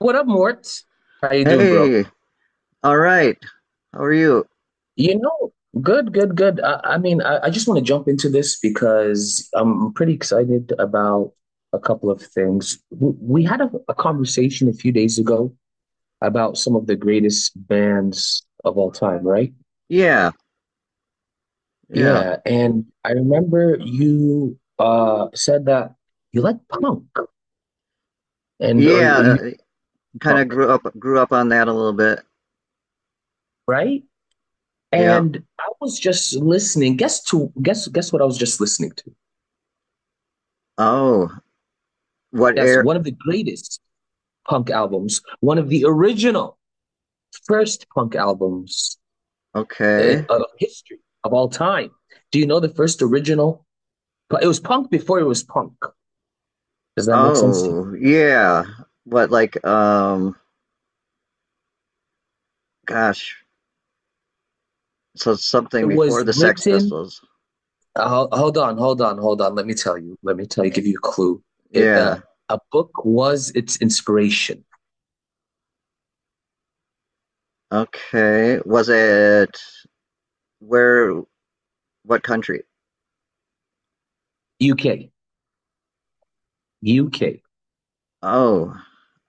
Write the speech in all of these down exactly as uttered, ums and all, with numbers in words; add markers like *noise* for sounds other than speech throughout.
What up, Mort? How you doing, bro? Hey, all right. How are you? You know, good, good, good. I, I mean, I, I just want to jump into this because I'm pretty excited about a couple of things. We, we had a, a conversation a few days ago about some of the greatest bands of all time, right? Yeah, yeah, Yeah, and I remember you uh said that you like punk and or you you yeah. like Kind of punk, grew up grew up on that a little bit. right? Yeah. And I was just listening. Guess to guess guess what I was just listening to. Oh, what Yes, air? one of the greatest punk albums, one of the original first punk albums uh, Okay. of history of all time. Do you know the first original? It was punk before it was punk. Does that make sense to you? Oh, yeah. What like um? Gosh, so It something before was the Sex written. Pistols. Uh, hold on, hold on, hold on. Let me tell you. Let me tell you. Give you a clue. It, uh, Yeah. a book was its inspiration. Okay. Was it where? What country? U K, U K, Oh,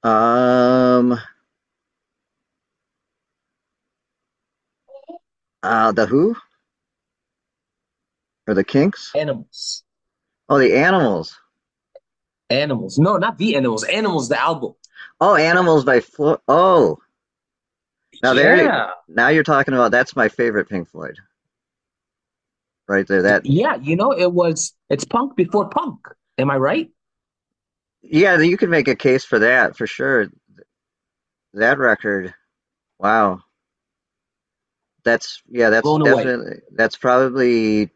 um, uh, the Who or the Kinks? animals, Oh, the Animals. animals. No, not the animals. Animals, the album. Oh, Animals by Floyd. Oh, now there, Yeah. now you're talking about that's my favorite Pink Floyd right there. That, Yeah, you know, it was it's punk before punk. Am I right? yeah, you can make a case for that for sure. That record, wow, that's yeah, that's Blown away. definitely that's probably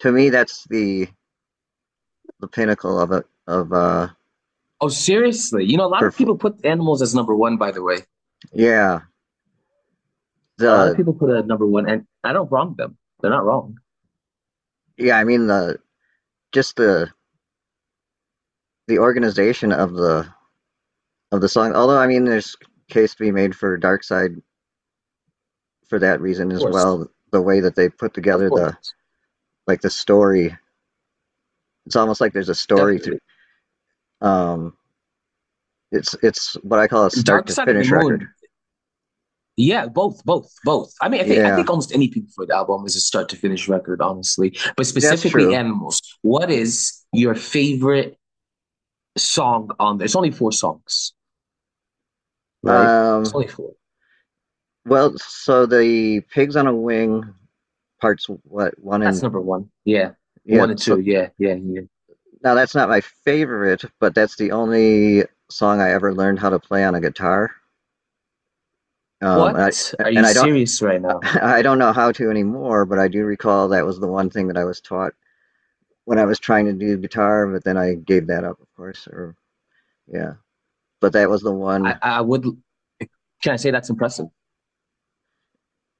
to me that's the the pinnacle of it of uh Oh, seriously. You know, a lot for of Fl- people put animals as number one, by the way. yeah A lot of the people put it at number one, and I don't wrong them. They're not wrong. Of yeah I mean the just the the organization of the of the song. Although I mean there's case to be made for Dark Side for that reason as course. well. The way that they put Of together the course. like the story. It's almost like there's a story through. Definitely. Um, it's it's what I call a start Dark to Side of the finish record. Moon. Yeah, both, both, both. I mean, I think I Yeah, think almost any Pink Floyd album is a start to finish record, honestly. But that's specifically true. animals. What is your favorite song on there? It's only four songs, right? It's Um, only four. well, so the Pigs on a Wing parts what one That's and number one. Yeah. yeah. One and two. So Yeah. Yeah. Yeah. now that's not my favorite, but that's the only song I ever learned how to play on a guitar. Um, and What? I, Are you and I don't serious right *laughs* now? I don't know how to anymore, but I do recall that was the one thing that I was taught when I was trying to do guitar, but then I gave that up, of course. Or yeah, but that was the I, one. I would. Can I say that's impressive?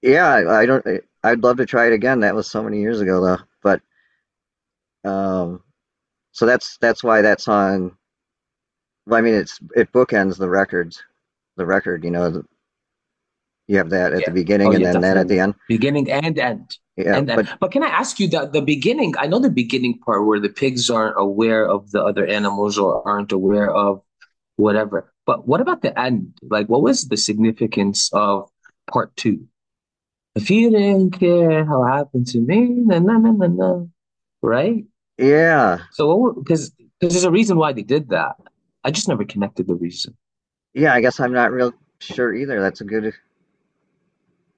Yeah, I don't. I'd love to try it again. That was so many years ago, though. But um, so that's that's why that song. Well, I mean, it's it bookends the records. The record, you know, you have that at the Yeah. Oh, beginning and yeah, then that at definitely. the end. Beginning and end. Yeah, And end. but But can I ask you that the beginning? I know the beginning part where the pigs aren't aware of the other animals or aren't aware of whatever. But what about the end? Like, what was the significance of part two? If you didn't care how it happened to me, na na na na na, right? yeah, So, because there's a reason why they did that. I just never connected the reason. yeah. I guess I'm not real sure either. That's a good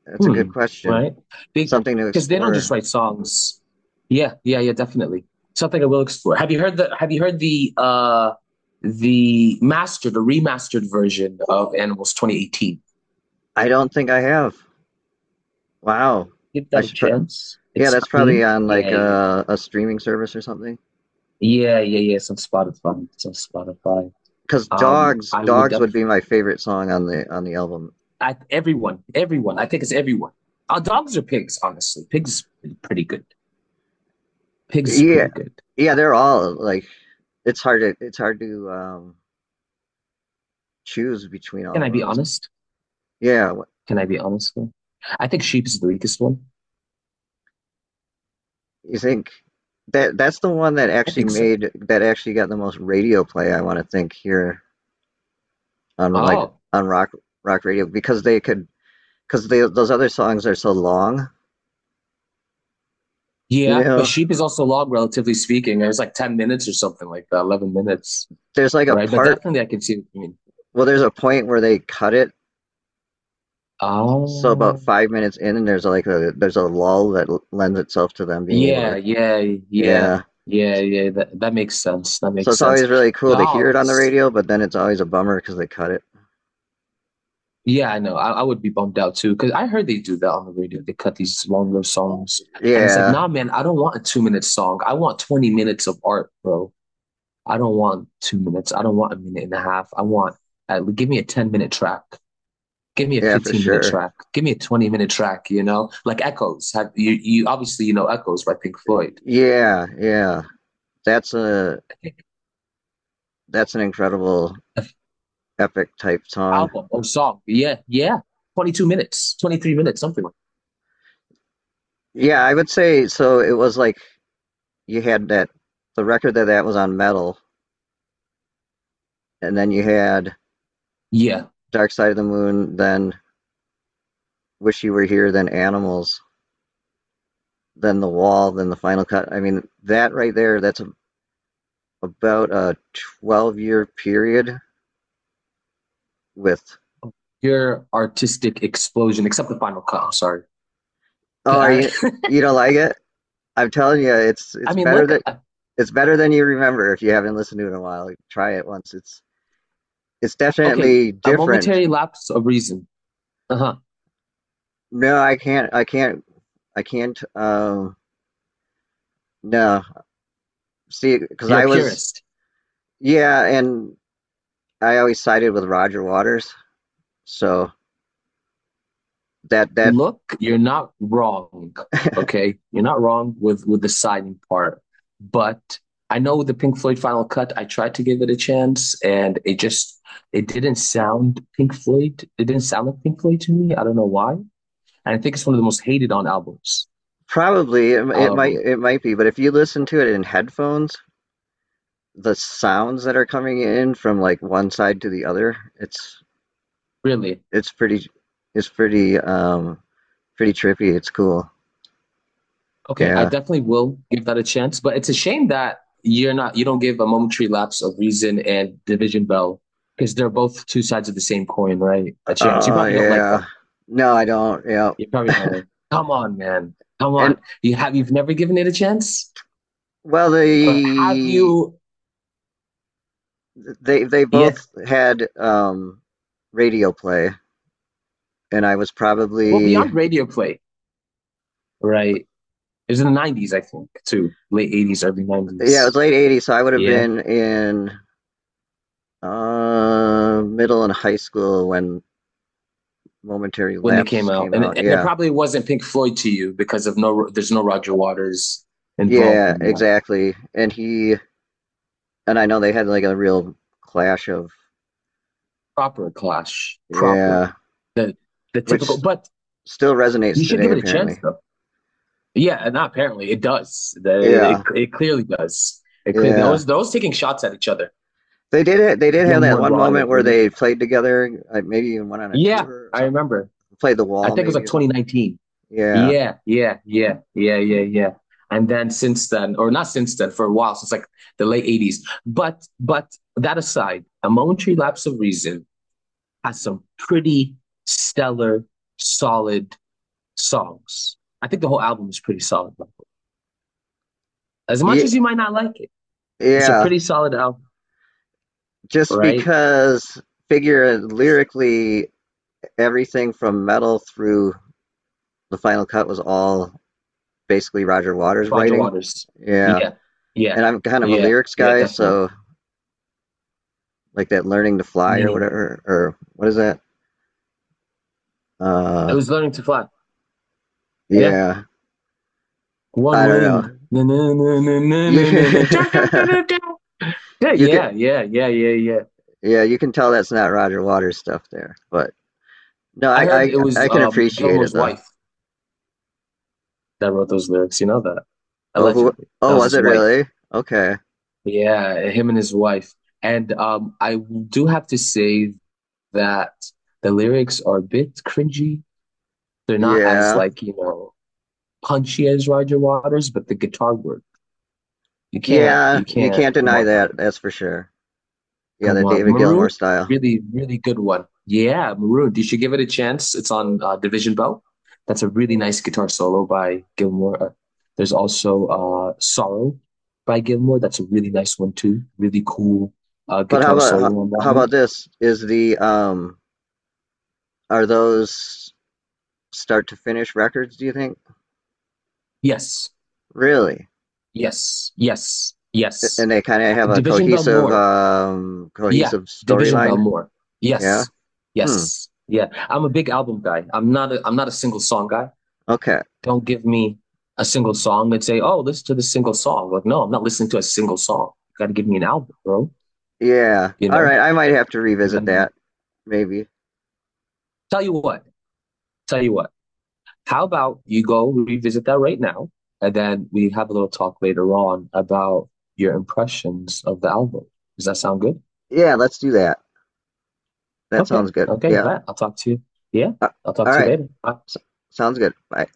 that's a good Hmm. question. Right? Something to Because they don't just explore. write songs. Yeah, yeah, yeah, definitely. Something I will explore. Have you heard the Have you heard the uh the mastered, the remastered version of Animals twenty eighteen? I don't think I have. Wow. Give I that a should. Pro- chance. yeah, It's that's probably cleaned. on Yeah, like yeah, a, a streaming service or something. yeah, yeah, yeah. It's on Spotify. It's on Spotify. Because Um, dogs I would. dogs would Def- be my favorite song on the on the album. I, everyone, everyone. I think it's everyone. Our dogs are pigs? Honestly, pigs are pretty good. Pigs is Yeah, pretty good. yeah, they're all like, it's hard to it's hard to um choose between all Can I of be those. honest? Yeah. Can I be honest? Though? I think sheep is the weakest one. wh- you think that that's the one that I actually think so. made that actually got the most radio play, I want to think here, on like Oh, on rock rock radio because they could, because they those other songs are so long. You yeah, but know, sheep is also long, relatively speaking. It was like ten minutes or something like that, eleven minutes, there's like a right? But part, definitely, I can see what you mean. well there's a point where they cut it. So about Oh, five minutes in, and there's like a there's a lull that l- lends itself to them being able yeah, to. yeah, yeah, Yeah. yeah, yeah. That that makes sense. That So makes it's sense. always really cool to hear it on the Dogs. radio, but then it's always a bummer because they cut it. Yeah, I know. I, I would be bummed out too because I heard they do that on the radio. They cut these longer songs, and it's like, Yeah. nah, man, I don't want a two-minute song. I want twenty minutes of art, bro. I don't want two minutes. I don't want a minute and a half. I want uh, give me a ten minute track. Give me a Yeah, for fifteen minute sure. track. Give me a twenty minute track. You know, like Echoes. Have you? You obviously you know Echoes by Pink Floyd Yeah. Yeah. That's a that's an incredible epic type song. album or song. Yeah, yeah. Twenty two minutes, twenty three minutes, something like. Yeah, I would say so. It was like you had that the record that that was on metal, and then you had that. Yeah, Dark Side of the Moon, then Wish You Were Here, then Animals, then the wall, then the final cut. I mean, that right there, that's a, about a twelve year period with, your artistic explosion, except the final cut. I'm sorry. oh, are I, you, you don't like it? I'm telling you, it's, *laughs* I it's mean, better look. that, uh, it's better than you remember if you haven't listened to it in a while. Try it once. It's, it's Okay, definitely a different. momentary lapse of reason. Uh huh. No, I can't, I can't, I can't, um, no, see, because You're a I was, purist. yeah, and I always sided with Roger Waters. So that, that, Look, you're not wrong. *laughs* Okay, you're not wrong with with the signing part, but I know the Pink Floyd final cut. I tried to give it a chance, and it just it didn't sound Pink Floyd. It didn't sound like Pink Floyd to me. I don't know why. And I think it's one of the most hated on albums. probably it, it might Um, it might be, but if you listen to it in headphones, the sounds that are coming in from like one side to the other, it's really. it's pretty it's pretty um pretty trippy. It's cool. Okay, I Yeah. definitely will give that a chance. But it's a shame that you're not you don't give a momentary lapse of Reason and Division Bell because they're both two sides of the same coin, right? A chance. You Oh probably don't like yeah. them. No, I don't. Yeah. You're probably going, come on, man. Come And on. You have you've never given it a chance? well, Or have they you they they both yeah. had um radio play, and I was Well, probably yeah, beyond radio play, right? It was in the nineties, I think, too. Late eighties, early it was nineties. late eighties, so I would have Yeah. been in uh middle and high school when momentary When they lapse came out. came And out. and it Yeah. probably wasn't Pink Floyd to you because of no there's no Roger Waters involved Yeah, in that. exactly. And he, and I know they had like a real clash of, Proper clash. Proper. yeah, The the typical which but still you resonates should today give it a chance apparently. though. Yeah, and apparently it does. The, it, Yeah. it clearly does. It clearly they're Yeah. always, they're always taking shots at each other. They did it. They did have Gilmore that and one moment Rogers. where Was it? they played together, like maybe even went on a Yeah, tour or I something. remember. Played the I wall think it was maybe like or something. twenty nineteen. Yeah. Yeah, yeah, yeah, yeah, yeah, yeah. And then since then, or not since then, for a while, since like the late eighties. But but that aside, a momentary lapse of reason has some pretty stellar, solid songs. I think the whole album is pretty solid. As much Yeah, as you might not like it, it's a yeah. pretty solid album, Just right? because figure lyrically everything from metal through the final cut was all basically Roger Waters Roger writing. Waters. Yeah. Yeah, yeah, And I'm kind of a yeah, lyrics yeah, guy, definitely. so like that learning to I fly or mean, whatever, or what is that? it Uh, was learning to fly. Yeah. yeah, One I don't wing. know. Na, na, na, na, na, You na, na, na. Dun, dun, dun, dun, *laughs* yeah, you can yeah, yeah, yeah, yeah, yeah. yeah, you can tell that's not Roger Waters stuff there, but no, I I heard I, it was I can um, appreciate it Gilmore's though. wife that wrote those lyrics. You know that? Oh who? Allegedly. That Oh, was was his it wife. really? Okay, Yeah, him and his wife. And um, I do have to say that the lyrics are a bit cringy. They're not as yeah, like, you know, punchy as Roger Waters, but the guitar work. You can't, yeah, you you can't, can't come deny on now. that. That's for sure. Yeah, Come that on. David Maroon, Gilmour style. really, really good one. Yeah, Maroon. You should give it a chance. It's on uh, Division Bell. That's a really nice guitar solo by Gilmore. Uh, there's also uh, Sorrow by Gilmore. That's a really nice one too. Really cool uh, But how guitar about how, solo on that how about one. this? Is the um are those start to finish records? Do you think Yes, really? yes, yes, And yes. they kind of have a Division Bell cohesive more. um Yeah, cohesive Division Bell storyline. more. Yeah. Yes, Hmm. yes, yeah. I'm a big album guy. I'm not a I'm not a single song guy. Okay. Don't give me a single song and say, oh, listen to this single song. Like, no, I'm not listening to a single song. You got to give me an album, bro. Yeah. You All know, right. I might have to you got revisit to give... that. Maybe. tell you what, tell you what. How about you go revisit that right now? And then we have a little talk later on about your impressions of the album. Does that sound good? Yeah. Let's do that. That Okay. sounds good. Okay. Yeah. Bet. I'll talk to you. Yeah. Uh, I'll talk all to you right. later. Bye. S sounds good. Bye.